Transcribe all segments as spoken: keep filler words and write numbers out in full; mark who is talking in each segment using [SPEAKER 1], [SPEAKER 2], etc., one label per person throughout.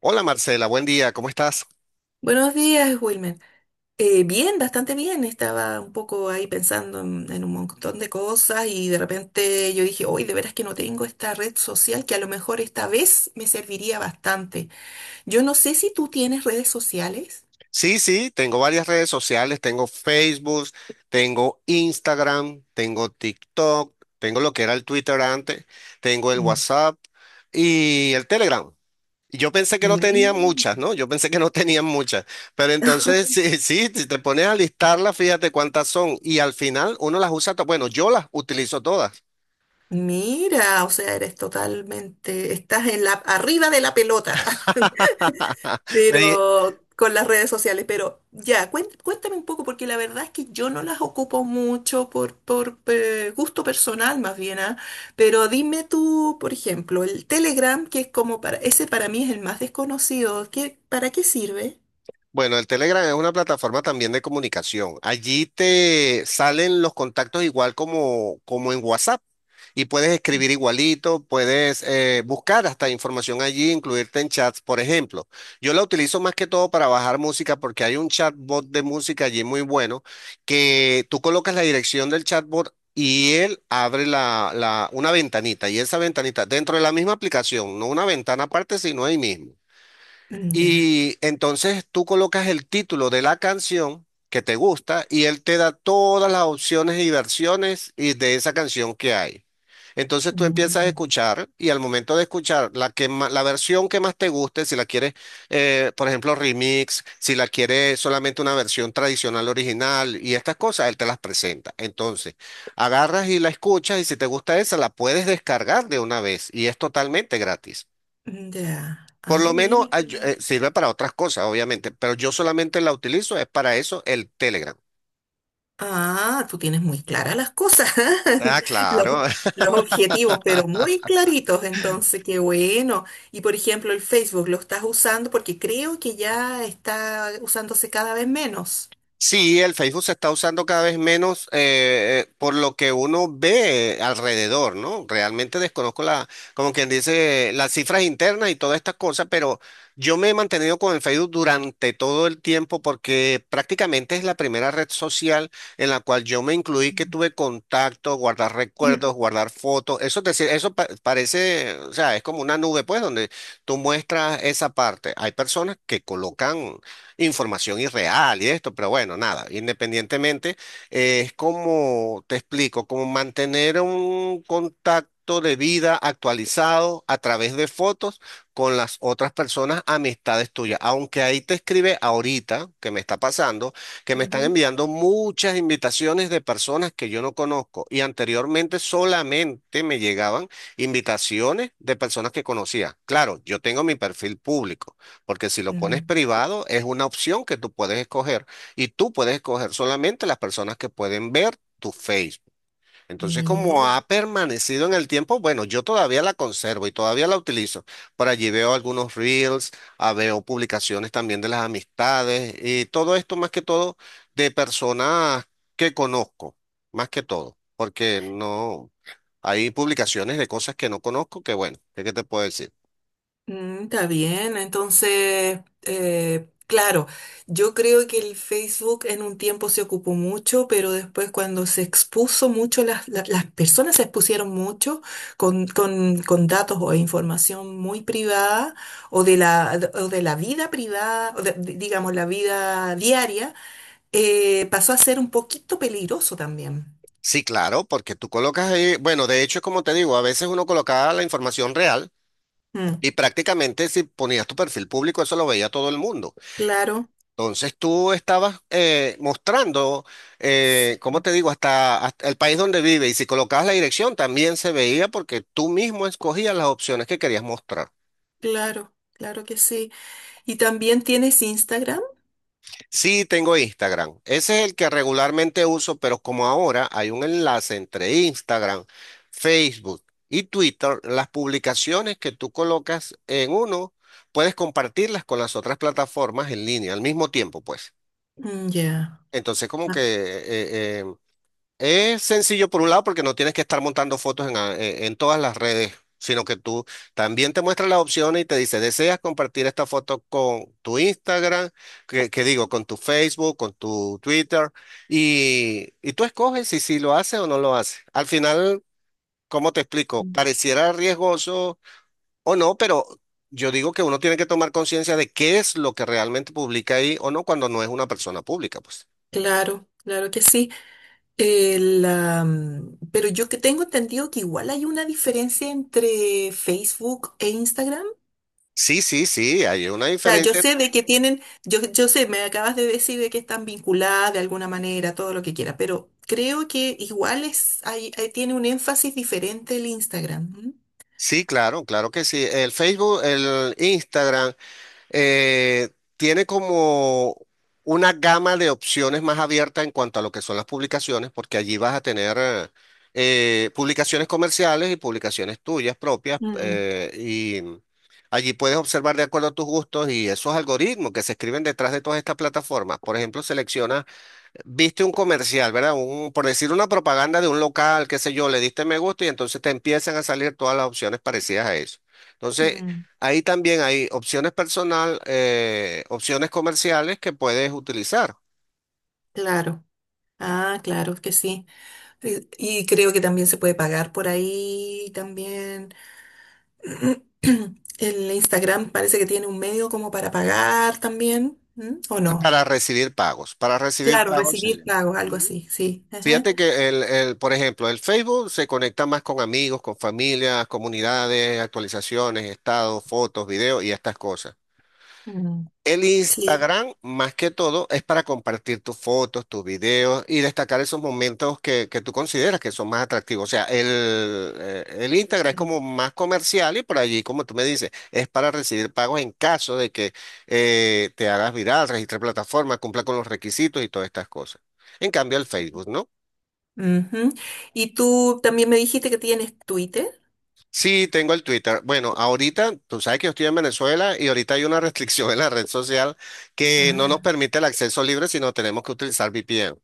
[SPEAKER 1] Hola Marcela, buen día, ¿cómo estás?
[SPEAKER 2] Buenos días, Wilmer. Eh, bien, bastante bien. Estaba un poco ahí pensando en, en un montón de cosas y de repente yo dije, hoy de veras que no tengo esta red social que a lo mejor esta vez me serviría bastante. Yo no sé si tú tienes redes sociales.
[SPEAKER 1] Sí, sí, tengo varias redes sociales, tengo Facebook, tengo Instagram, tengo TikTok, tengo lo que era el Twitter antes, tengo el
[SPEAKER 2] Mm.
[SPEAKER 1] WhatsApp y el Telegram. Y Yo pensé que no tenía muchas,
[SPEAKER 2] Mm.
[SPEAKER 1] ¿no? Yo pensé que no tenían muchas, pero entonces sí, sí, si te pones a listarlas, fíjate cuántas son y al final uno las usa, to- bueno, yo las utilizo todas.
[SPEAKER 2] Mira, o sea, eres totalmente, estás en la, arriba de la pelota,
[SPEAKER 1] Me di-
[SPEAKER 2] pero con las redes sociales. Pero ya, cuen- cuéntame un poco, porque la verdad es que yo no las ocupo mucho por, por eh, gusto personal más bien, ¿ah? Pero dime tú, por ejemplo, el Telegram, que es como para, ese para mí es el más desconocido, ¿qué, para qué sirve?
[SPEAKER 1] Bueno, el Telegram es una plataforma también de comunicación. Allí te salen los contactos igual como, como en WhatsApp y puedes escribir igualito, puedes eh, buscar hasta información allí, incluirte en chats, por ejemplo. Yo la utilizo más que todo para bajar música porque hay un chatbot de música allí muy bueno que tú colocas la dirección del chatbot. Y él abre la, la- una ventanita, y esa ventanita dentro de la misma aplicación, no una ventana aparte, sino ahí mismo.
[SPEAKER 2] Mm, ya.
[SPEAKER 1] Y entonces tú colocas el título de la canción que te gusta y él te da todas las opciones y versiones y de esa canción que hay. Entonces tú empiezas a
[SPEAKER 2] Mm,
[SPEAKER 1] escuchar y al momento de escuchar la que ma- la versión que más te guste, si la quieres, eh, por ejemplo, remix, si la quieres solamente una versión tradicional original y estas cosas, él te las presenta. Entonces, agarras y la escuchas y si te gusta esa, la puedes descargar de una vez y es totalmente gratis.
[SPEAKER 2] ya,
[SPEAKER 1] Por
[SPEAKER 2] ah,
[SPEAKER 1] lo
[SPEAKER 2] mira.
[SPEAKER 1] menos ay- eh, sirve para otras cosas, obviamente, pero yo solamente la utilizo, es para eso el Telegram.
[SPEAKER 2] Ah, tú tienes muy claras las cosas,
[SPEAKER 1] Ah,
[SPEAKER 2] los,
[SPEAKER 1] claro.
[SPEAKER 2] los objetivos, pero muy claritos, entonces, qué bueno. Y por ejemplo, el Facebook, ¿lo estás usando? Porque creo que ya está usándose cada vez menos.
[SPEAKER 1] Sí, el Facebook se está usando cada vez menos eh, eh, por lo que uno ve eh, alrededor, ¿no? Realmente desconozco la, como quien dice, las cifras internas y todas estas cosas, pero yo me he mantenido con el Facebook durante todo el tiempo porque prácticamente es la primera red social en la cual yo me incluí, que tuve contacto, guardar recuerdos, guardar fotos. Eso es decir, eso pa- parece, o sea, es como una nube, pues, donde tú muestras esa parte. Hay personas que colocan información irreal y esto, pero bueno, nada, independientemente, eh, es como, te explico, como mantener un contacto de vida actualizado a través de fotos con las otras personas, amistades tuyas, aunque ahí te escribe ahorita, que me está pasando, que me están
[SPEAKER 2] Ujú.
[SPEAKER 1] enviando muchas invitaciones de personas que yo no conozco y anteriormente solamente me llegaban invitaciones de personas que conocía. Claro, yo tengo mi perfil público. Porque si lo pones
[SPEAKER 2] Mm.
[SPEAKER 1] privado, es una opción que tú puedes escoger y tú puedes escoger solamente las personas que pueden ver tu Facebook. Entonces, como ha
[SPEAKER 2] Mira.
[SPEAKER 1] permanecido en el tiempo, bueno, yo todavía la conservo y todavía la utilizo. Por allí veo algunos reels, ah, veo publicaciones también de las amistades y todo esto más que todo de personas que conozco, más que todo, porque no hay publicaciones de cosas que no conozco que bueno, ¿qué qué te puedo decir?
[SPEAKER 2] Mm, está bien, entonces, eh, claro, yo creo que el Facebook en un tiempo se ocupó mucho, pero después cuando se expuso mucho, las, la- las personas se expusieron mucho con, con, con datos o información muy privada o de la, o de la vida privada, o de- de- digamos, la vida diaria, eh, pasó a ser un poquito peligroso también.
[SPEAKER 1] Sí, claro, porque tú colocas ahí, bueno, de hecho, como te digo, a veces uno colocaba la información real
[SPEAKER 2] Mm,
[SPEAKER 1] y prácticamente si ponías tu perfil público, eso lo veía todo el mundo.
[SPEAKER 2] claro,
[SPEAKER 1] Entonces tú estabas eh, mostrando,
[SPEAKER 2] sí,
[SPEAKER 1] eh, como te digo, hasta, hasta el país donde vive y si colocabas la dirección también se veía porque tú mismo escogías las opciones que querías mostrar.
[SPEAKER 2] claro, claro que sí. ¿Y también tienes Instagram?
[SPEAKER 1] Sí, tengo Instagram. Ese es el que regularmente uso, pero como ahora hay un enlace entre Instagram, Facebook y Twitter, las publicaciones que tú colocas en uno, puedes compartirlas con las otras plataformas en línea al mismo tiempo, pues.
[SPEAKER 2] Mm, ya.
[SPEAKER 1] Entonces, como que eh, eh, es sencillo por un lado porque no tienes que estar montando fotos en, a- en- en todas las redes, sino que tú también te muestra las opciones y te dice, ¿deseas compartir esta foto con tu Instagram? Que, que digo, con tu Facebook, con tu Twitter. Y, y tú escoges si, si lo haces o no lo haces. Al final, ¿cómo te explico? Pareciera riesgoso o no, pero yo digo que uno tiene que tomar conciencia de qué es lo que realmente publica ahí o no cuando no es una persona pública, pues.
[SPEAKER 2] Claro, claro que sí. El, am, pero yo que tengo entendido que igual hay una diferencia entre Facebook e Instagram.
[SPEAKER 1] Sí, sí, sí, hay una
[SPEAKER 2] O sea, yo
[SPEAKER 1] diferencia.
[SPEAKER 2] sé de que tienen, yo, yo sé, me acabas de decir de que están vinculadas de alguna manera, todo lo que quiera, pero creo que igual es, hay, hay- tiene un énfasis diferente el Instagram.
[SPEAKER 1] Sí, claro, claro que sí. El Facebook, el Instagram, eh, tiene como una gama de opciones más abierta en cuanto a lo que son las publicaciones, porque allí vas a tener eh, eh, publicaciones comerciales y publicaciones tuyas propias,
[SPEAKER 2] ¿M?
[SPEAKER 1] eh, y allí puedes observar de acuerdo a tus gustos y esos algoritmos que se escriben detrás de todas estas plataformas. Por ejemplo, selecciona. Viste un comercial, ¿verdad? Un, por decir una propaganda de un local, qué sé yo, le diste me gusta y entonces te empiezan a salir todas las opciones parecidas a eso.
[SPEAKER 2] Mm,
[SPEAKER 1] Entonces,
[SPEAKER 2] mm,
[SPEAKER 1] ahí también hay opciones personal, eh, opciones comerciales que puedes utilizar
[SPEAKER 2] claro. Ah, claro que sí. Y, y creo que también se puede pagar por ahí también. El Instagram parece que tiene un medio como para pagar también, ¿m? ¿O no?
[SPEAKER 1] para recibir pagos. Para recibir
[SPEAKER 2] Claro,
[SPEAKER 1] pagos, sí.
[SPEAKER 2] recibir pagos, algo
[SPEAKER 1] Ujú.
[SPEAKER 2] así, sí. Ajá.
[SPEAKER 1] Fíjate que el, el, por ejemplo, el Facebook se conecta más con amigos, con familias, comunidades, actualizaciones, estados, fotos, videos y estas cosas.
[SPEAKER 2] Mm,
[SPEAKER 1] El
[SPEAKER 2] sí.
[SPEAKER 1] Instagram, más que todo, es para compartir tus fotos, tus videos y destacar esos momentos que, que tú consideras que son más atractivos. O sea, el, eh, el Instagram es como más comercial y por allí, como tú me dices, es para recibir pagos en caso de que eh, te hagas viral, registres plataforma, cumpla con los requisitos y todas estas cosas. En cambio, el Facebook, ¿no?
[SPEAKER 2] Ujú. Y tú también me dijiste que tienes Twitter.
[SPEAKER 1] Sí, tengo el Twitter. Bueno, ahorita, tú sabes que yo estoy en Venezuela y ahorita hay una restricción en la red social que no nos
[SPEAKER 2] Ah,
[SPEAKER 1] permite el acceso libre, sino tenemos que utilizar V P N.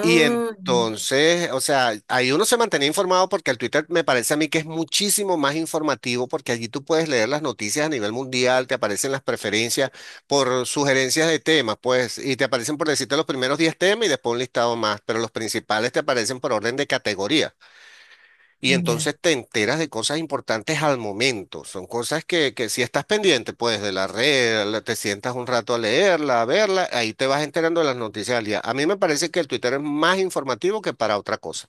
[SPEAKER 1] Y entonces, o sea, ahí uno se mantenía informado porque el Twitter me parece a mí que es muchísimo más informativo porque allí tú puedes leer las noticias a nivel mundial, te aparecen las preferencias por sugerencias de temas, pues, y te aparecen por decirte los primeros diez temas y después un listado más, pero los principales te aparecen por orden de categoría. Y
[SPEAKER 2] ya.
[SPEAKER 1] entonces te enteras de cosas importantes al momento. Son cosas que, que si estás pendiente, pues de la red, la- te sientas un rato a leerla, a verla, ahí te vas enterando de las noticias del día. A mí me parece que el Twitter es más informativo que para otra cosa.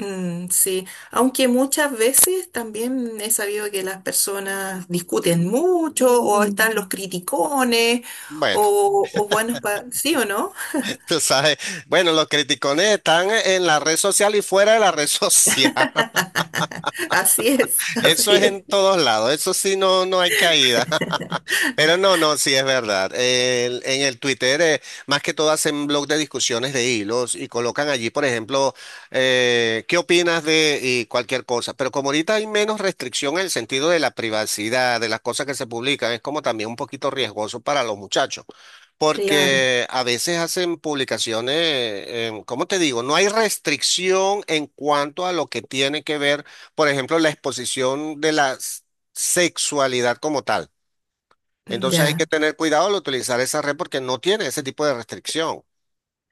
[SPEAKER 2] Mm, sí, aunque muchas veces también he sabido que las personas discuten mucho o mm, están los criticones
[SPEAKER 1] Bueno,
[SPEAKER 2] o, o buenos para... ¿Sí o no?
[SPEAKER 1] tú sabes, bueno, los criticones están en la red social y fuera de la red social.
[SPEAKER 2] Así es,
[SPEAKER 1] Eso
[SPEAKER 2] así
[SPEAKER 1] es
[SPEAKER 2] es.
[SPEAKER 1] en todos lados, eso sí no, no hay caída. Pero no, no, sí es verdad. El- en el Twitter, eh, más que todo hacen blog de discusiones de hilos y colocan allí, por ejemplo, eh, ¿qué opinas de y cualquier cosa? Pero como ahorita hay menos restricción en el sentido de la privacidad, de las cosas que se publican, es como también un poquito riesgoso para los muchachos.
[SPEAKER 2] Claro,
[SPEAKER 1] Porque a veces hacen publicaciones, em, ¿cómo te digo? No hay restricción en cuanto a lo que tiene que ver por ejemplo, la exposición de la s- sexualidad como tal. Entonces hay que
[SPEAKER 2] ya.
[SPEAKER 1] tener cuidado al utilizar esa red porque no tiene ese tipo de restricción.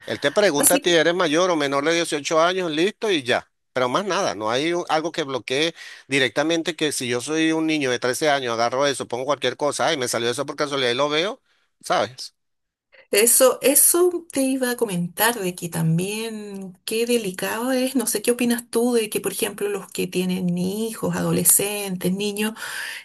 [SPEAKER 1] Él te pregunta
[SPEAKER 2] Así,
[SPEAKER 1] si eres mayor o menor de dieciocho años, listo y ya. Pero más nada, no hay u- algo que bloquee directamente que si yo soy un niño de trece años, agarro eso, pongo cualquier cosa, ay, me salió eso por casualidad y lo veo, ¿sabes?
[SPEAKER 2] Eso, eso te iba a comentar de que también qué delicado es, no sé qué opinas tú de que, por ejemplo, los que tienen hijos, adolescentes, niños,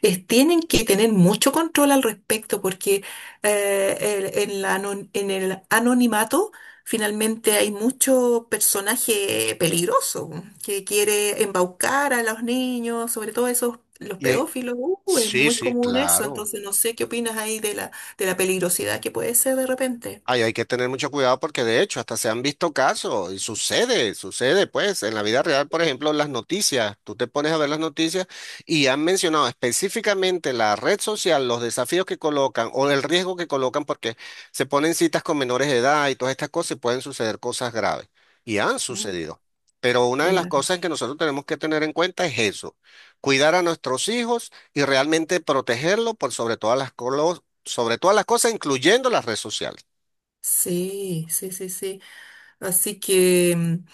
[SPEAKER 2] es- tienen que tener mucho control al respecto porque eh, el- en la anon- en el anonimato finalmente hay mucho personaje peligroso que quiere embaucar a los niños, sobre todo esos, los
[SPEAKER 1] Y es-
[SPEAKER 2] pedófilos, uh, es
[SPEAKER 1] sí,
[SPEAKER 2] muy
[SPEAKER 1] sí,
[SPEAKER 2] común eso,
[SPEAKER 1] claro.
[SPEAKER 2] entonces no sé qué opinas ahí de la de la peligrosidad que puede ser de repente.
[SPEAKER 1] Ay, hay que tener mucho cuidado porque de hecho hasta se han visto casos y sucede, sucede pues en la vida real, por ejemplo, las noticias, tú te pones a ver las noticias y han mencionado específicamente la red social, los desafíos que colocan o el riesgo que colocan porque se ponen citas con menores de edad y todas estas cosas y pueden suceder cosas graves y han
[SPEAKER 2] Mm,
[SPEAKER 1] sucedido. Pero una de las
[SPEAKER 2] claro,
[SPEAKER 1] cosas que nosotros tenemos que tener en cuenta es eso, cuidar a nuestros hijos y realmente protegerlos por sobre todas las, colo- sobre todas las cosas, incluyendo las redes sociales.
[SPEAKER 2] sí, sí, sí, sí. Así que mm,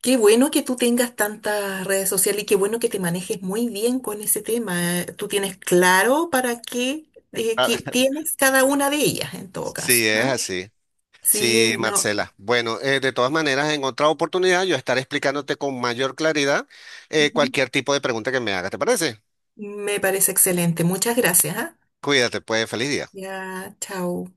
[SPEAKER 2] qué bueno que tú tengas tantas redes sociales y qué bueno que te manejes muy bien con ese tema. Tú tienes claro para qué, eh,
[SPEAKER 1] Ah,
[SPEAKER 2] qué tienes cada una de ellas en todo
[SPEAKER 1] sí,
[SPEAKER 2] caso,
[SPEAKER 1] es
[SPEAKER 2] ¿ah?
[SPEAKER 1] así. Sí,
[SPEAKER 2] Sí, no.
[SPEAKER 1] Marcela. Bueno, eh, de todas maneras, en otra oportunidad yo estaré explicándote con mayor claridad eh,
[SPEAKER 2] Ujú.
[SPEAKER 1] cualquier tipo de pregunta que me hagas. ¿Te parece?
[SPEAKER 2] Me parece excelente. Muchas gracias, ¿ah?
[SPEAKER 1] Cuídate, pues, feliz día.
[SPEAKER 2] Ya, chao.